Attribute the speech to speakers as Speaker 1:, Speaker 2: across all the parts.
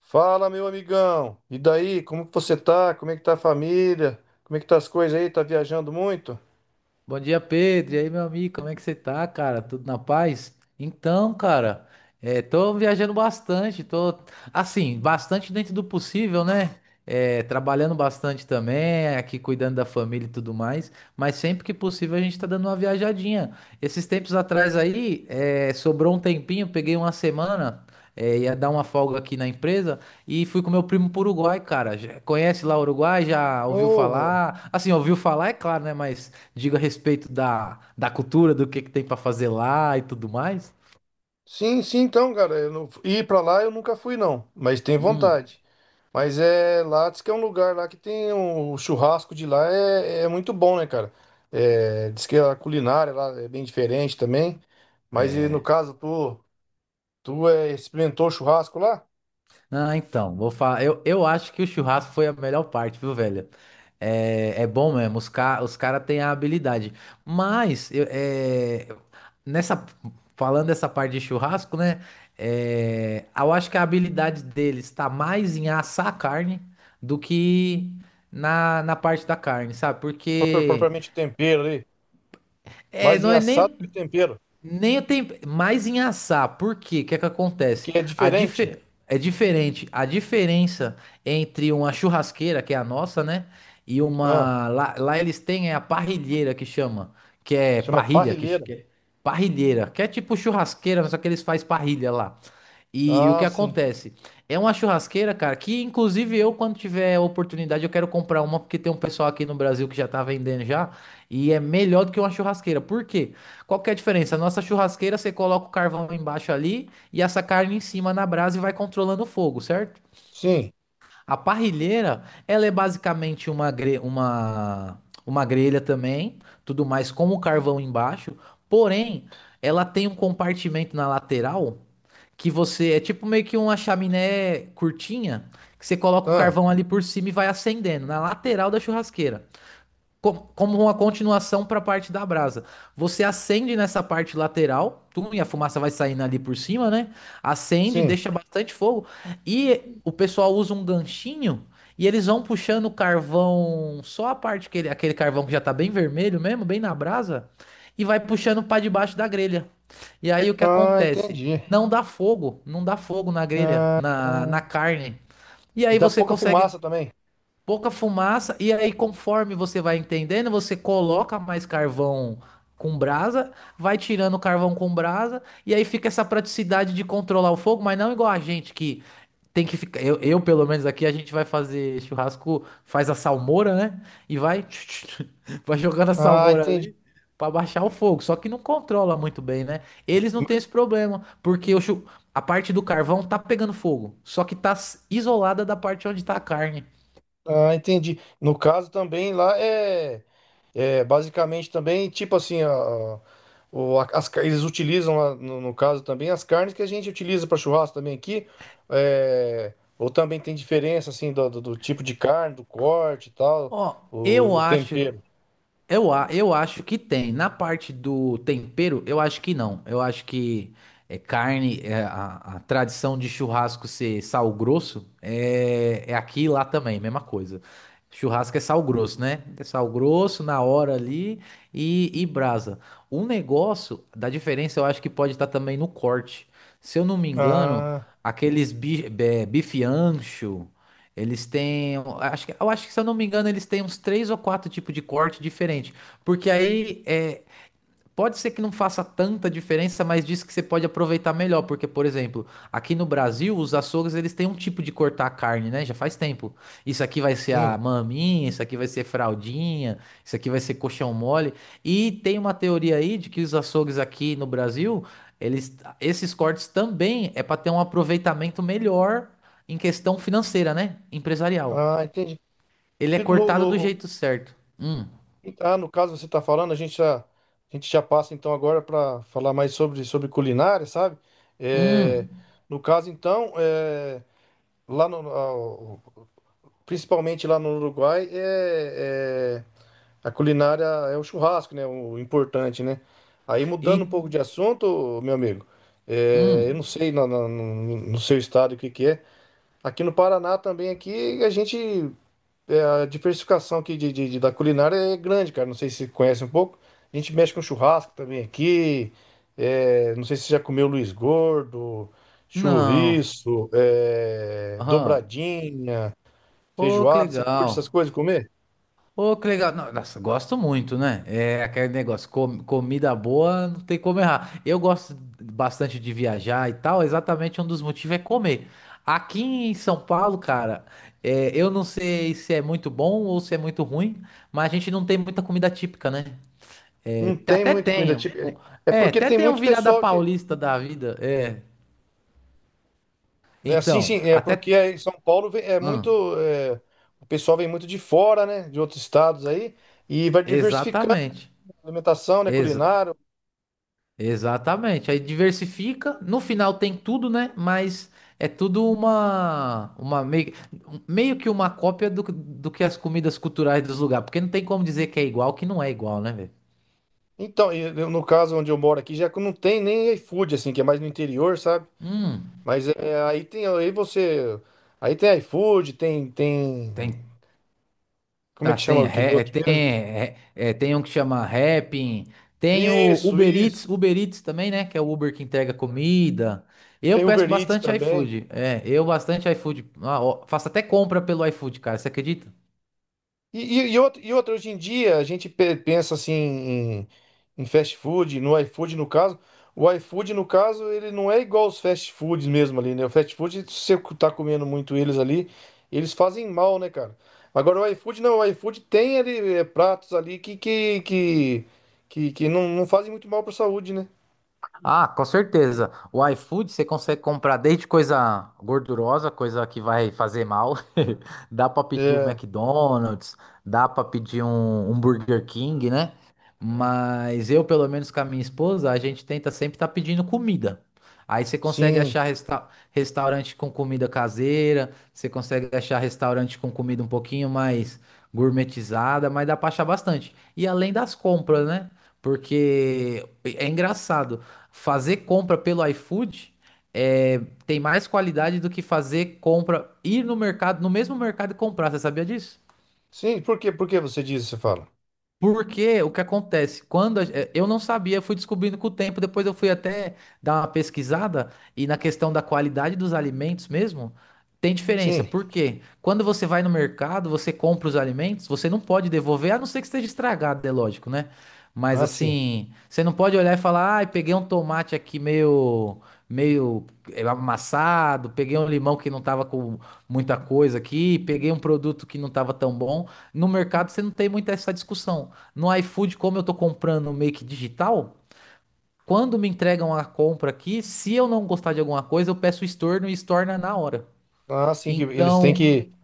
Speaker 1: Fala, meu amigão. E daí? Como que você tá? Como é que tá a família? Como é que tá as coisas aí? Tá viajando muito?
Speaker 2: Bom dia, Pedro. E aí, meu amigo, como é que você tá, cara? Tudo na paz? Então, cara, tô viajando bastante, bastante dentro do possível, né? É, trabalhando bastante também, aqui cuidando da família e tudo mais, mas sempre que possível a gente tá dando uma viajadinha. Esses tempos atrás aí, sobrou um tempinho, peguei uma semana, ia dar uma folga aqui na empresa, e fui com meu primo pro Uruguai, cara. Conhece lá o Uruguai? Já ouviu
Speaker 1: Porra.
Speaker 2: falar? Assim, ouviu falar, é claro, né? Mas diga a respeito da cultura, do que tem pra fazer lá e tudo mais.
Speaker 1: Sim, sim, então, cara, eu não... ir pra lá eu nunca fui não, mas tenho
Speaker 2: Hum.
Speaker 1: vontade. Mas é lá, diz que é um lugar lá que o churrasco de lá é muito bom, né, cara? É... Diz que a culinária lá é bem diferente também. Mas e no caso, tu experimentou churrasco lá?
Speaker 2: Ah, então, vou falar. Eu acho que o churrasco foi a melhor parte, viu, velho? É, é bom mesmo, os caras têm a habilidade. Mas, nessa... falando dessa parte de churrasco, né? Eu acho que a habilidade deles tá mais em assar a carne do que na parte da carne, sabe? Porque
Speaker 1: Propriamente tempero ali, mais em
Speaker 2: não é
Speaker 1: assado
Speaker 2: nem.
Speaker 1: que tempero,
Speaker 2: Nem o tempo, mais em assar. Por quê? O que é que acontece?
Speaker 1: porque é
Speaker 2: A
Speaker 1: diferente.
Speaker 2: dife- É diferente. A diferença entre uma churrasqueira, que é a nossa, né? E
Speaker 1: Né?
Speaker 2: uma. Lá, lá eles têm é a parrilheira que chama. Que é
Speaker 1: Chama
Speaker 2: parrilha,
Speaker 1: parrilheira.
Speaker 2: que é parrilheira. Que é tipo churrasqueira, mas só que eles fazem parrilha lá. E o que
Speaker 1: Ah, sim.
Speaker 2: acontece? É uma churrasqueira, cara, que inclusive eu, quando tiver oportunidade, eu quero comprar uma, porque tem um pessoal aqui no Brasil que já tá vendendo já, e é melhor do que uma churrasqueira. Por quê? Qual que é a diferença? A nossa churrasqueira, você coloca o carvão embaixo ali e essa carne em cima na brasa e vai controlando o fogo, certo?
Speaker 1: Sim.
Speaker 2: A parrilheira, ela é basicamente uma grelha também, tudo mais com o carvão embaixo, porém, ela tem um compartimento na lateral que você, é tipo meio que uma chaminé curtinha, que você coloca o
Speaker 1: Ah,
Speaker 2: carvão ali por cima e vai acendendo, na lateral da churrasqueira como uma continuação para a parte da brasa. Você acende nessa parte lateral, tum, e a fumaça vai saindo ali por cima, né? Acende,
Speaker 1: sim.
Speaker 2: deixa bastante fogo. E o pessoal usa um ganchinho e eles vão puxando o carvão, só a parte que ele, aquele carvão que já tá bem vermelho mesmo, bem na brasa, e vai puxando para debaixo da grelha. E aí o que
Speaker 1: Ah,
Speaker 2: acontece?
Speaker 1: entendi.
Speaker 2: Não dá fogo, não dá fogo na grelha, na,
Speaker 1: Ah.
Speaker 2: na carne. E
Speaker 1: E
Speaker 2: aí
Speaker 1: dá
Speaker 2: você
Speaker 1: pouca
Speaker 2: consegue
Speaker 1: fumaça também.
Speaker 2: pouca fumaça, e aí conforme você vai entendendo, você coloca mais carvão com brasa, vai tirando o carvão com brasa, e aí fica essa praticidade de controlar o fogo, mas não igual a gente que tem que ficar. Pelo menos aqui, a gente vai fazer churrasco, faz a salmoura, né? E vai, vai jogando a
Speaker 1: Ah,
Speaker 2: salmoura
Speaker 1: entendi.
Speaker 2: ali. Pra baixar o fogo, só que não controla muito bem, né? Eles não têm esse problema, porque a parte do carvão tá pegando fogo, só que isolada da parte onde tá a carne.
Speaker 1: Ah, entendi. No caso também lá é basicamente também tipo assim, a, o- a- as, car- eles utilizam lá, no caso também as carnes que a gente utiliza para churrasco também aqui. É, ou também tem diferença assim do tipo de carne, do corte e tal,
Speaker 2: Ó,
Speaker 1: o tempero.
Speaker 2: eu acho que tem. Na parte do tempero, eu acho que não. Eu acho que é carne, é a tradição de churrasco ser sal grosso é, é aqui e lá também, mesma coisa. Churrasco é sal grosso, né? É sal grosso na hora ali e brasa. O negócio da diferença eu acho que pode estar também no corte. Se eu não me engano,
Speaker 1: Ah,
Speaker 2: bife ancho. Eles têm, um, acho que, eu acho que se eu não me engano, eles têm uns três ou quatro tipos de corte diferente, porque aí é, pode ser que não faça tanta diferença, mas diz que você pode aproveitar melhor, porque, por exemplo, aqui no Brasil, os açougues, eles têm um tipo de cortar a carne, né? Já faz tempo. Isso aqui vai ser
Speaker 1: sim.
Speaker 2: a maminha, isso aqui vai ser fraldinha, isso aqui vai ser coxão mole. E tem uma teoria aí de que os açougues aqui no Brasil, eles, esses cortes também é para ter um aproveitamento melhor em questão financeira, né? Empresarial.
Speaker 1: Ah, entendi.
Speaker 2: Ele é
Speaker 1: E
Speaker 2: cortado do
Speaker 1: no,
Speaker 2: jeito certo.
Speaker 1: Ah, no caso você está falando, a gente já passa então agora para falar mais sobre culinária, sabe? É,
Speaker 2: Hum,
Speaker 1: no caso então, é, lá no, ao- principalmente lá no Uruguai, a culinária é o churrasco, né? O importante, né? Aí mudando um
Speaker 2: e,
Speaker 1: pouco de assunto, meu amigo, é, eu
Speaker 2: hum.
Speaker 1: não sei no seu estado o que que é. Aqui no Paraná também, aqui a gente é, a diversificação aqui da culinária é grande, cara. Não sei se você conhece um pouco. A gente mexe com churrasco também aqui. É, não sei se você já comeu Luiz Gordo,
Speaker 2: Não.
Speaker 1: chouriço, é,
Speaker 2: Aham.
Speaker 1: dobradinha,
Speaker 2: Ô, que
Speaker 1: feijoada. Você curte essas
Speaker 2: legal.
Speaker 1: coisas comer?
Speaker 2: Ô, que legal. Não, nossa, gosto muito, né? É aquele negócio, comida boa, não tem como errar. Eu gosto bastante de viajar e tal, exatamente um dos motivos é comer. Aqui em São Paulo, cara, eu não sei se é muito bom ou se é muito ruim, mas a gente não tem muita comida típica, né? É,
Speaker 1: Não
Speaker 2: te-
Speaker 1: tem
Speaker 2: até
Speaker 1: muita
Speaker 2: tem.
Speaker 1: comida
Speaker 2: Um-
Speaker 1: típica.
Speaker 2: um,
Speaker 1: É
Speaker 2: É,
Speaker 1: porque
Speaker 2: até
Speaker 1: tem
Speaker 2: tem um
Speaker 1: muito
Speaker 2: virada
Speaker 1: pessoal que.
Speaker 2: paulista da vida. É.
Speaker 1: Né, sim, sim,
Speaker 2: Então,
Speaker 1: é
Speaker 2: até.
Speaker 1: porque aí em São Paulo é muito.
Speaker 2: Hum,
Speaker 1: É, o pessoal vem muito de fora, né? De outros estados aí. E vai diversificando a
Speaker 2: exatamente.
Speaker 1: alimentação, né?
Speaker 2: Ex-
Speaker 1: Culinária.
Speaker 2: Exatamente. Aí diversifica, no final tem tudo, né? Mas é tudo meio que uma cópia do que as comidas culturais dos lugares, porque não tem como dizer que é igual, que não é igual, né, velho?
Speaker 1: Então, no caso onde eu moro aqui, já que não tem nem iFood, assim, que é mais no interior, sabe?
Speaker 2: Hum,
Speaker 1: Mas é, aí tem iFood, tem,
Speaker 2: tem,
Speaker 1: como é
Speaker 2: tá,
Speaker 1: que chama
Speaker 2: tem,
Speaker 1: aquele
Speaker 2: ré- é,
Speaker 1: outro
Speaker 2: tem,
Speaker 1: mesmo?
Speaker 2: é, é, tem um que chama Rappin, tem o
Speaker 1: Isso,
Speaker 2: Uber Eats,
Speaker 1: isso.
Speaker 2: Uber Eats também, né? Que é o Uber que entrega comida. Eu
Speaker 1: Tem
Speaker 2: peço
Speaker 1: Uber Eats
Speaker 2: bastante
Speaker 1: também.
Speaker 2: iFood, eu bastante iFood. Ah, ó, faço até compra pelo iFood, cara, você acredita?
Speaker 1: E outra, e outra, hoje em dia a gente pensa assim em fast food, no iFood no caso. O iFood, no caso, ele não é igual aos fast foods mesmo ali, né? O fast food, se você tá comendo muito eles ali, eles fazem mal, né, cara? Agora o iFood não, o iFood tem ali é, pratos ali que não fazem muito mal pra saúde, né?
Speaker 2: Ah, com certeza. O iFood você consegue comprar desde coisa gordurosa, coisa que vai fazer mal. Dá pra pedir um
Speaker 1: É,
Speaker 2: McDonald's, dá pra pedir um, um Burger King, né? Mas eu, pelo menos com a minha esposa, a gente tenta sempre estar pedindo comida. Aí você consegue
Speaker 1: sim.
Speaker 2: achar restaurante com comida caseira, você consegue achar restaurante com comida um pouquinho mais gourmetizada, mas dá pra achar bastante. E além das compras, né? Porque é engraçado fazer compra pelo iFood é, tem mais qualidade do que fazer compra, ir no mercado, no mesmo mercado e comprar. Você sabia disso?
Speaker 1: Sim, por quê? Por que você diz, você fala?
Speaker 2: Porque o que acontece? Eu não sabia, fui descobrindo com o tempo, depois eu fui até dar uma pesquisada e na questão da qualidade dos alimentos mesmo, tem diferença.
Speaker 1: Sim.
Speaker 2: Por quê? Quando você vai no mercado, você compra os alimentos, você não pode devolver, a não ser que esteja estragado, é lógico, né? Mas
Speaker 1: Ah, sim.
Speaker 2: assim, você não pode olhar e falar, ai, peguei um tomate aqui meio amassado, peguei um limão que não tava com muita coisa aqui, peguei um produto que não tava tão bom. No mercado você não tem muito essa discussão. No iFood, como eu tô comprando meio que digital, quando me entregam a compra aqui, se eu não gostar de alguma coisa, eu peço estorno e estorna na hora.
Speaker 1: Ah, sim, que eles têm
Speaker 2: Então,
Speaker 1: que.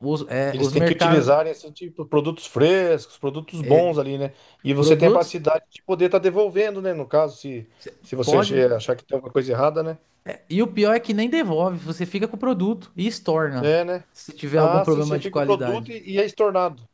Speaker 1: Eles
Speaker 2: os
Speaker 1: têm que
Speaker 2: mercados,
Speaker 1: utilizar assim, tipo, produtos frescos, produtos bons ali, né? E você tem a
Speaker 2: produtos,
Speaker 1: capacidade de poder estar devolvendo, né? No caso,
Speaker 2: cê
Speaker 1: se você
Speaker 2: pode.
Speaker 1: achar que tem alguma coisa errada, né?
Speaker 2: E o pior é que nem devolve, você fica com o produto e estorna,
Speaker 1: É, né?
Speaker 2: se tiver algum
Speaker 1: Ah, sim,
Speaker 2: problema
Speaker 1: você
Speaker 2: de
Speaker 1: fica o produto
Speaker 2: qualidade.
Speaker 1: e é estornado.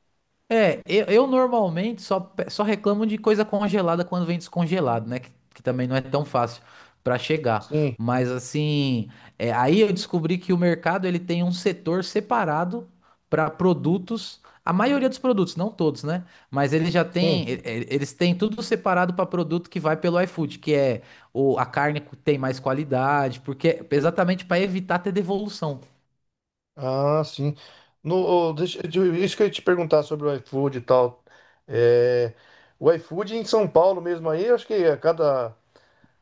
Speaker 2: É, eu normalmente só reclamo de coisa congelada quando vem descongelado, né? Que também não é tão fácil pra chegar.
Speaker 1: Sim,
Speaker 2: Mas assim, aí eu descobri que o mercado ele tem um setor separado pra produtos. A maioria dos produtos, não todos, né? Mas ele já
Speaker 1: sim.
Speaker 2: tem, eles têm tudo separado pra produto que vai pelo iFood, que é a carne que tem mais qualidade, porque exatamente pra evitar ter devolução.
Speaker 1: Ah, sim. No, ô, deixa, isso que eu ia te perguntar sobre o iFood e tal. É, o iFood em São Paulo mesmo aí, eu acho que a cada...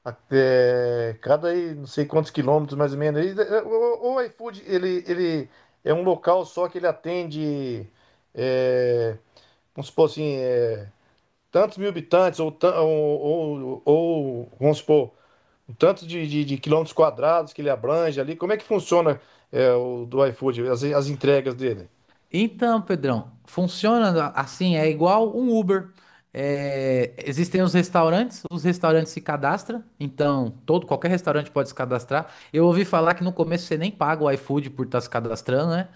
Speaker 1: Até cada aí, não sei quantos quilômetros mais ou menos. Aí, é, o iFood, ele é um local só que ele atende, é, vamos supor assim, é, tantos mil habitantes, ou, ou, vamos supor, um tanto de quilômetros quadrados que ele abrange ali. Como é que funciona, o do iFood, as entregas dele?
Speaker 2: Então, Pedrão, funciona assim, é igual um Uber. É, existem os restaurantes se cadastram, então todo qualquer restaurante pode se cadastrar. Eu ouvi falar que no começo você nem paga o iFood por estar se cadastrando, né?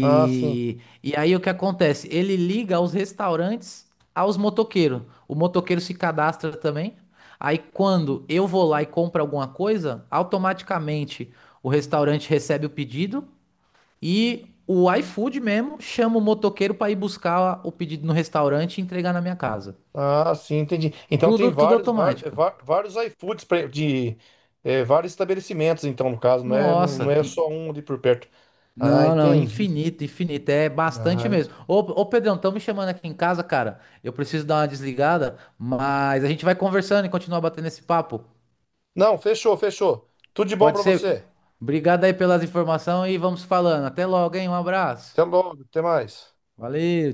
Speaker 1: Ah, sim.
Speaker 2: e aí o que acontece? Ele liga os restaurantes aos motoqueiros. O motoqueiro se cadastra também. Aí quando eu vou lá e compro alguma coisa, automaticamente o restaurante recebe o pedido. E o iFood mesmo chama o motoqueiro para ir buscar o pedido no restaurante e entregar na minha casa.
Speaker 1: Ah, sim, entendi. Então tem
Speaker 2: Tudo, tudo
Speaker 1: vários, var- eh,
Speaker 2: automático.
Speaker 1: va- vários, iFoods pra- de é, vários estabelecimentos, então, no caso, não
Speaker 2: Nossa.
Speaker 1: é
Speaker 2: in-
Speaker 1: só um ali por perto. Ah,
Speaker 2: Não, não,
Speaker 1: entendi.
Speaker 2: infinito, infinito. É bastante
Speaker 1: Ah.
Speaker 2: mesmo. Ô Pedrão, estão me chamando aqui em casa, cara. Eu preciso dar uma desligada, mas a gente vai conversando e continuar batendo esse papo.
Speaker 1: Não, fechou, fechou. Tudo de bom
Speaker 2: Pode
Speaker 1: pra
Speaker 2: ser?
Speaker 1: você.
Speaker 2: Obrigado aí pelas informações e vamos falando. Até logo, hein? Um
Speaker 1: Até
Speaker 2: abraço.
Speaker 1: logo, até mais.
Speaker 2: Valeu.